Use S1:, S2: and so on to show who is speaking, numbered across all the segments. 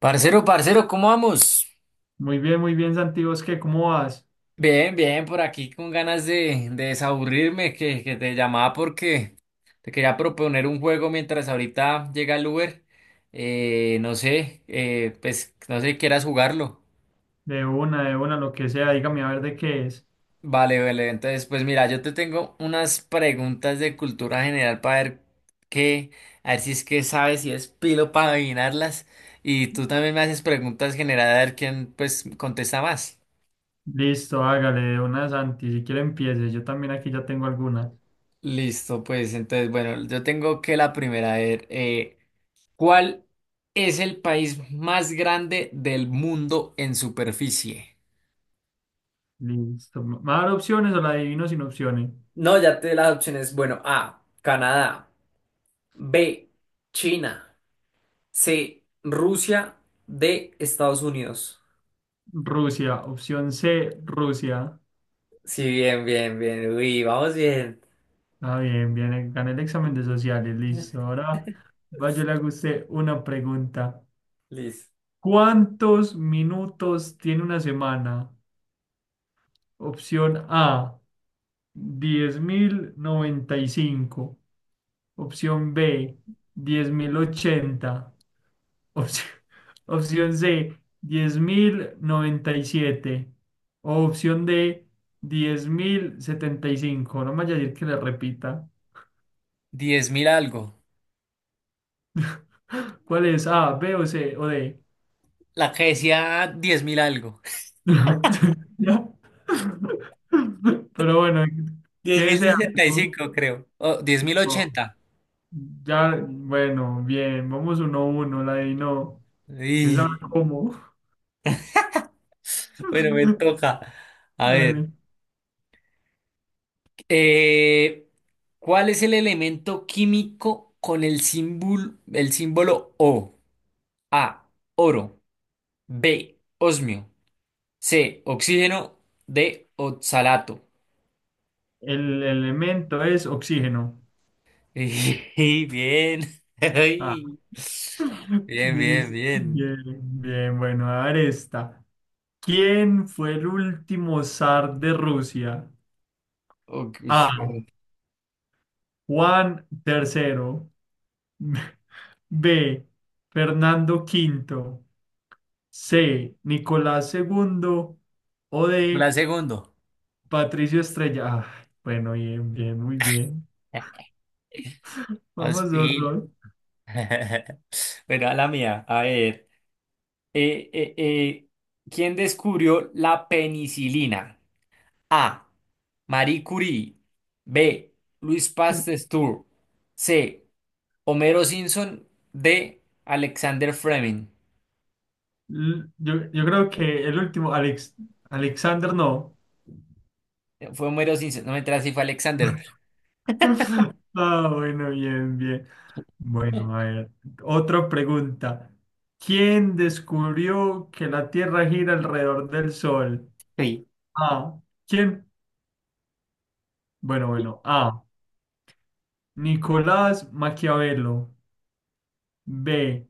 S1: Parcero, parcero, ¿cómo vamos?
S2: Muy bien, Santiago, es que, ¿cómo vas?
S1: Bien, bien, por aquí con ganas de desaburrirme, que te llamaba porque te quería proponer un juego mientras ahorita llega el Uber. No sé, pues no sé si quieras jugarlo.
S2: De una, lo que sea, dígame a ver de qué es.
S1: Vale, vale, entonces pues mira, yo te tengo unas preguntas de cultura general para ver qué, a ver si es que sabes, si es pilo para adivinarlas. Y tú también me haces preguntas generales a ver quién pues contesta más.
S2: Listo, hágale, de una, Santi, si quiere empiece, yo también aquí ya tengo algunas.
S1: Listo, pues entonces, bueno, yo tengo que la primera, a ver, ¿cuál es el país más grande del mundo en superficie?
S2: Listo, ¿me va a dar opciones o la adivino sin opciones?
S1: No, ya te di las opciones. Bueno, A, Canadá. B, China. C, Rusia. D, Estados Unidos.
S2: Rusia, opción C, Rusia.
S1: Sí, bien, bien, bien. Uy, vamos bien.
S2: Ah, bien, bien, gané el examen de sociales, listo. Ahora vaya, le hago a usted una pregunta.
S1: Listo.
S2: ¿Cuántos minutos tiene una semana? Opción A, 10.095. Opción B, 10.080. Opción, opción C, 10.097. O opción D, 10.075. No me vaya a decir que le repita.
S1: Diez mil algo.
S2: ¿Cuál es? ¿A, B o C o D?
S1: La que decía diez mil algo.
S2: No. Ya. Pero bueno, ¿qué
S1: Diez mil
S2: desea?
S1: sesenta y
S2: No.
S1: cinco, creo. O diez mil
S2: No.
S1: ochenta.
S2: Ya, bueno, bien. Vamos uno a uno. La de no. ¿Quién sabe cómo?
S1: Bueno, me toca. A ver,
S2: Dale.
S1: eh, ¿cuál es el elemento químico con el símbolo O? A, oro, B, osmio, C, oxígeno, D, oxalato.
S2: El elemento es oxígeno.
S1: Y bien.
S2: Ah,
S1: Ay, bien, bien, bien.
S2: bien, bien, bueno, a ver esta. ¿Quién fue el último zar de Rusia?
S1: Ok,
S2: A,
S1: bueno,
S2: Juan III. B, Fernando V. C, Nicolás II. O
S1: la
S2: D,
S1: segundo.
S2: Patricio Estrella. Ah, bueno, bien, bien, muy bien.
S1: Más
S2: Vamos dos,
S1: pila.
S2: dos.
S1: Bueno, a la mía, a ver. Eh, eh, eh, ¿Quién descubrió la penicilina? A. Marie Curie. B. Louis Pasteur. C. Homero Simpson. D. Alexander Fleming.
S2: Yo creo que el último, Alexander no.
S1: Fue Homero Simpson. No me enteras si fue Alexander.
S2: Ah, bueno, bien, bien. Bueno, a ver, otra pregunta. ¿Quién descubrió que la Tierra gira alrededor del Sol?
S1: Sí.
S2: A, ¿quién? Bueno, bueno. A, Nicolás Maquiavelo. B,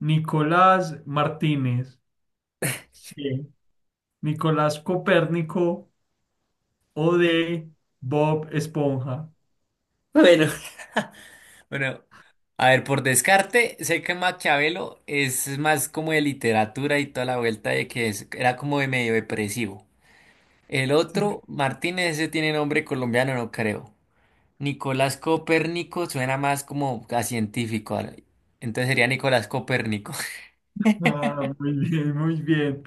S2: Nicolás Martínez. C, Nicolás Copérnico. O D, Bob Esponja.
S1: Bueno, bueno, a ver, por descarte, sé que Maquiavelo es más como de literatura y toda la vuelta de que era como de medio depresivo. El otro, Martínez, ese tiene nombre colombiano, no creo. Nicolás Copérnico suena más como a científico. Entonces sería Nicolás Copérnico.
S2: Ah, muy bien, muy bien.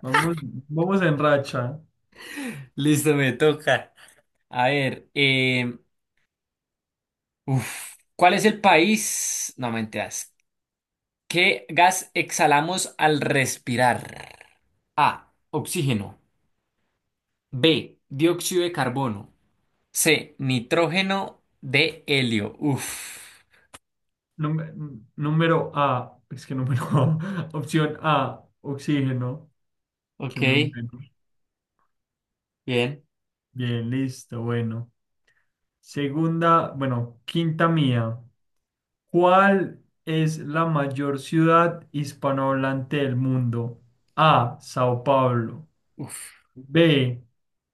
S2: Vamos, vamos en racha.
S1: Listo, me toca. A ver, uf, ¿cuál es el país? No mentiras. ¿Qué gas exhalamos al respirar? A. Oxígeno. B. Dióxido de carbono. C. Nitrógeno. D. Helio. Uf.
S2: Número, número A, es que número A, opción A, oxígeno, que
S1: Ok,
S2: me muero.
S1: bien.
S2: Bien, listo, bueno. Segunda, bueno, quinta mía. ¿Cuál es la mayor ciudad hispanohablante del mundo? A, Sao Paulo.
S1: Uf.
S2: B,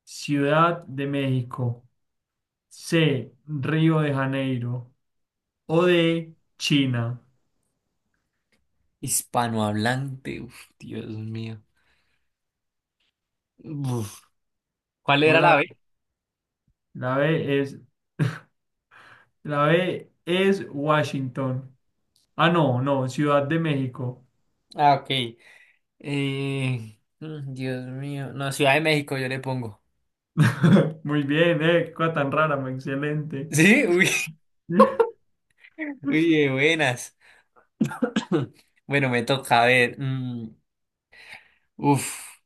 S2: Ciudad de México. C, Río de Janeiro. O D, China.
S1: Hispanohablante. Uf, Dios mío. Uf. ¿Cuál
S2: Vos
S1: era la
S2: sabés,
S1: B?
S2: la B es, la B es Washington. Ah, no, no, Ciudad de México.
S1: Ah, ok. Mm, Dios mío. No, Ciudad de México yo le pongo.
S2: Muy bien, cosa tan rara, muy excelente.
S1: ¿Sí? Uy, uy, de buenas. Bueno, me toca a ver. Uf.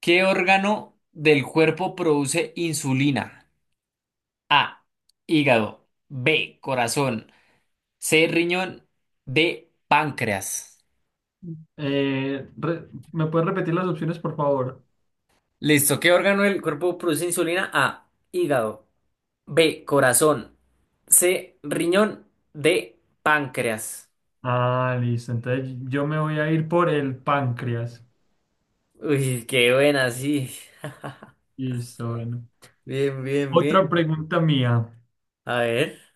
S1: ¿Qué órgano del cuerpo produce insulina? A. Hígado. B. Corazón. C. Riñón. D. Páncreas.
S2: Eh, re- ¿me puedes repetir las opciones, por favor?
S1: Listo. ¿Qué órgano del cuerpo produce insulina? A. Hígado. B. Corazón. C. Riñón. D. Páncreas.
S2: Ah, listo, entonces yo me voy a ir por el páncreas.
S1: Uy, qué buena, sí.
S2: Listo, bueno.
S1: Bien, bien,
S2: Otra
S1: bien.
S2: pregunta mía.
S1: A ver.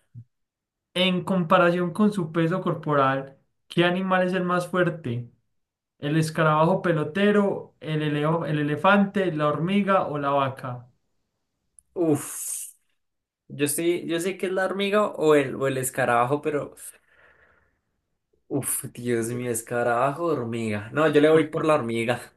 S2: En comparación con su peso corporal, ¿qué animal es el más fuerte? ¿El escarabajo pelotero, el elefante, la hormiga o la vaca?
S1: Uf. Yo estoy, yo sé que es la hormiga o el escarabajo, pero. Uf, Dios mío, escarabajo, hormiga. No, yo le
S2: Por
S1: voy por
S2: favor.
S1: la hormiga.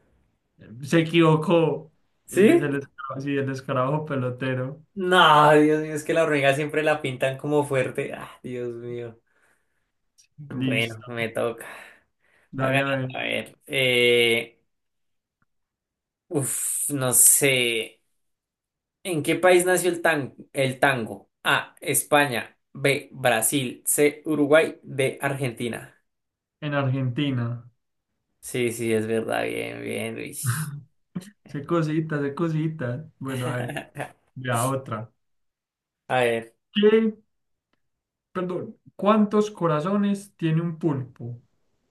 S2: Se equivocó. Él es
S1: ¿Sí?
S2: el escarabajo, sí, el escarabajo pelotero.
S1: No, Dios mío, es que la hormiga siempre la pintan como fuerte. Ah, Dios mío. Bueno,
S2: Listo.
S1: me toca. Va
S2: Dale
S1: ganando.
S2: a ver.
S1: A ver. Uf, no sé. ¿En qué país nació el el tango? A. España. B. Brasil. C. Uruguay. D. Argentina.
S2: En Argentina.
S1: Sí, sí, es verdad. Bien, bien, Luis.
S2: Se cositas, se cositas. Bueno, a ver. Ya otra.
S1: A ver.
S2: ¿Qué? Perdón, ¿cuántos corazones tiene un pulpo?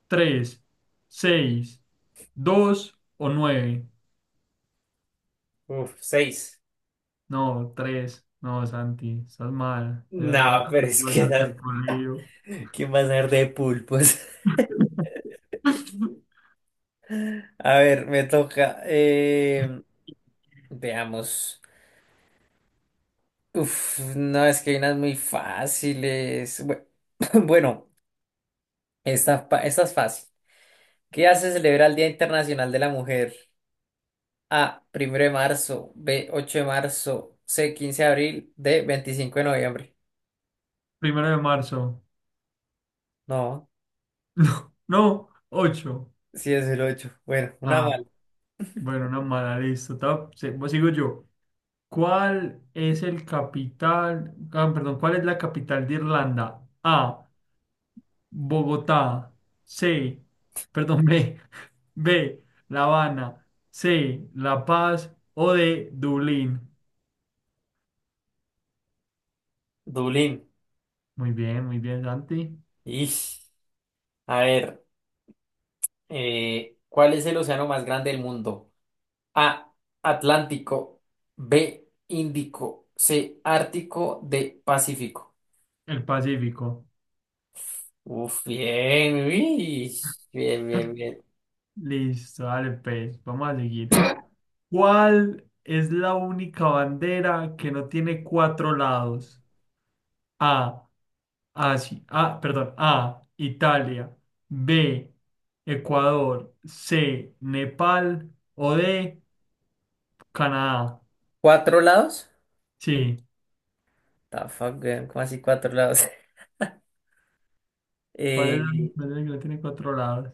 S2: ¿Tres, seis, dos o nueve?
S1: Uf, seis.
S2: No, tres. No, Santi, estás mal. Te
S1: No, pero es que
S2: volverte
S1: era-
S2: al colegio.
S1: ¿Quién va a ser de pulpos? A ver, me toca. Veamos. Uf, no, es que hay unas muy fáciles. Bueno, esta, esta es fácil. ¿Qué hace celebrar el Día Internacional de la Mujer? A, 1 de marzo, B, 8 de marzo, C, 15 de abril, D, 25 de noviembre.
S2: Primero de marzo.
S1: No,
S2: No, no, ocho.
S1: sí es el 8. Bueno, una
S2: Ah,
S1: mal.
S2: bueno, una mala, listo. Pues sigo yo. ¿Cuál es el capital? Ah, perdón, ¿cuál es la capital de Irlanda? A, Bogotá, C, perdón, B, B, La Habana, C, La Paz o D, Dublín.
S1: Dublín.
S2: Muy bien, Santi.
S1: Ish. A ver, ¿cuál es el océano más grande del mundo? A, Atlántico, B, Índico, C, Ártico, D, Pacífico.
S2: El Pacífico.
S1: Uf, bien, uish, bien, bien, bien.
S2: Listo, dale, pues, vamos a seguir. ¿Cuál es la única bandera que no tiene cuatro lados? A, Asia, ah, perdón, A, Italia, B, Ecuador, C, Nepal o D, Canadá.
S1: ¿Cuatro lados?
S2: Sí.
S1: The fuck, weón, ¿cómo así cuatro lados?
S2: ¿Cuál es la
S1: Eh,
S2: montaña que no tiene cuatro lados?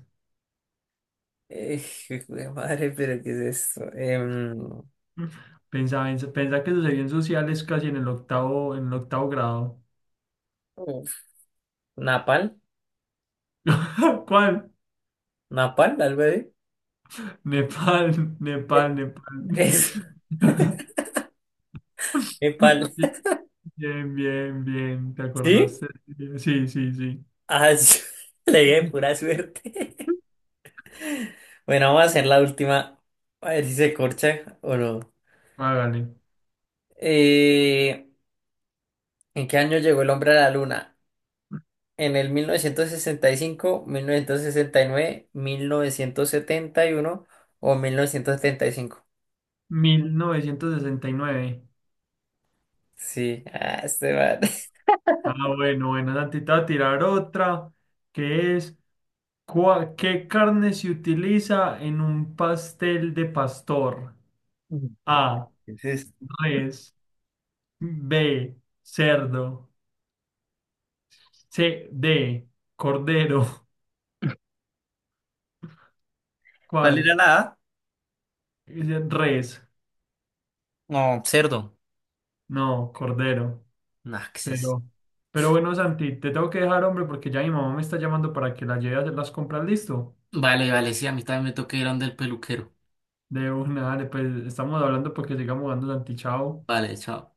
S1: Eh, jue madre, pero ¿qué es esto?
S2: Pensaba, pensaba pensá que sucedió en sociales casi en el octavo grado.
S1: Uf, Napal,
S2: ¿Cuál?
S1: Napal, algo así.
S2: Nepal, Nepal,
S1: Eh,
S2: Nepal.
S1: es Nepal,
S2: Bien, bien, bien, ¿te
S1: ¿sí?
S2: acordaste? Sí, sí, sí.
S1: Ah, sí, le dije pura suerte. Bueno, vamos a hacer la última. A ver si se corcha o no.
S2: Hágale.
S1: Eh, ¿En qué año llegó el hombre a la luna? En el mil mil mil novecientos novecientos novecientos sesenta sesenta y cinco nueve 1971 o 1975.
S2: 1969.
S1: Sí, ah, este man.
S2: Ah, bueno, bueno, Santi, te voy a tirar otra, que es, ¿qué carne se utiliza en un pastel de pastor? A,
S1: ¿Qué es esto?
S2: res, B, cerdo, C, D, cordero.
S1: ¿Cuál era
S2: ¿Cuál?
S1: la A?
S2: Dice res,
S1: No, cerdo.
S2: no, cordero.
S1: Naxes.
S2: Pero, pero bueno, Santi, te tengo que dejar, hombre, porque ya mi mamá me está llamando para que la lleve a hacer las compras, ¿listo?
S1: Vale, vale, sí, a mí también me toca ir a donde el peluquero.
S2: De una, dale, pues estamos hablando porque sigamos jugando, Santi, chao.
S1: Vale, chao.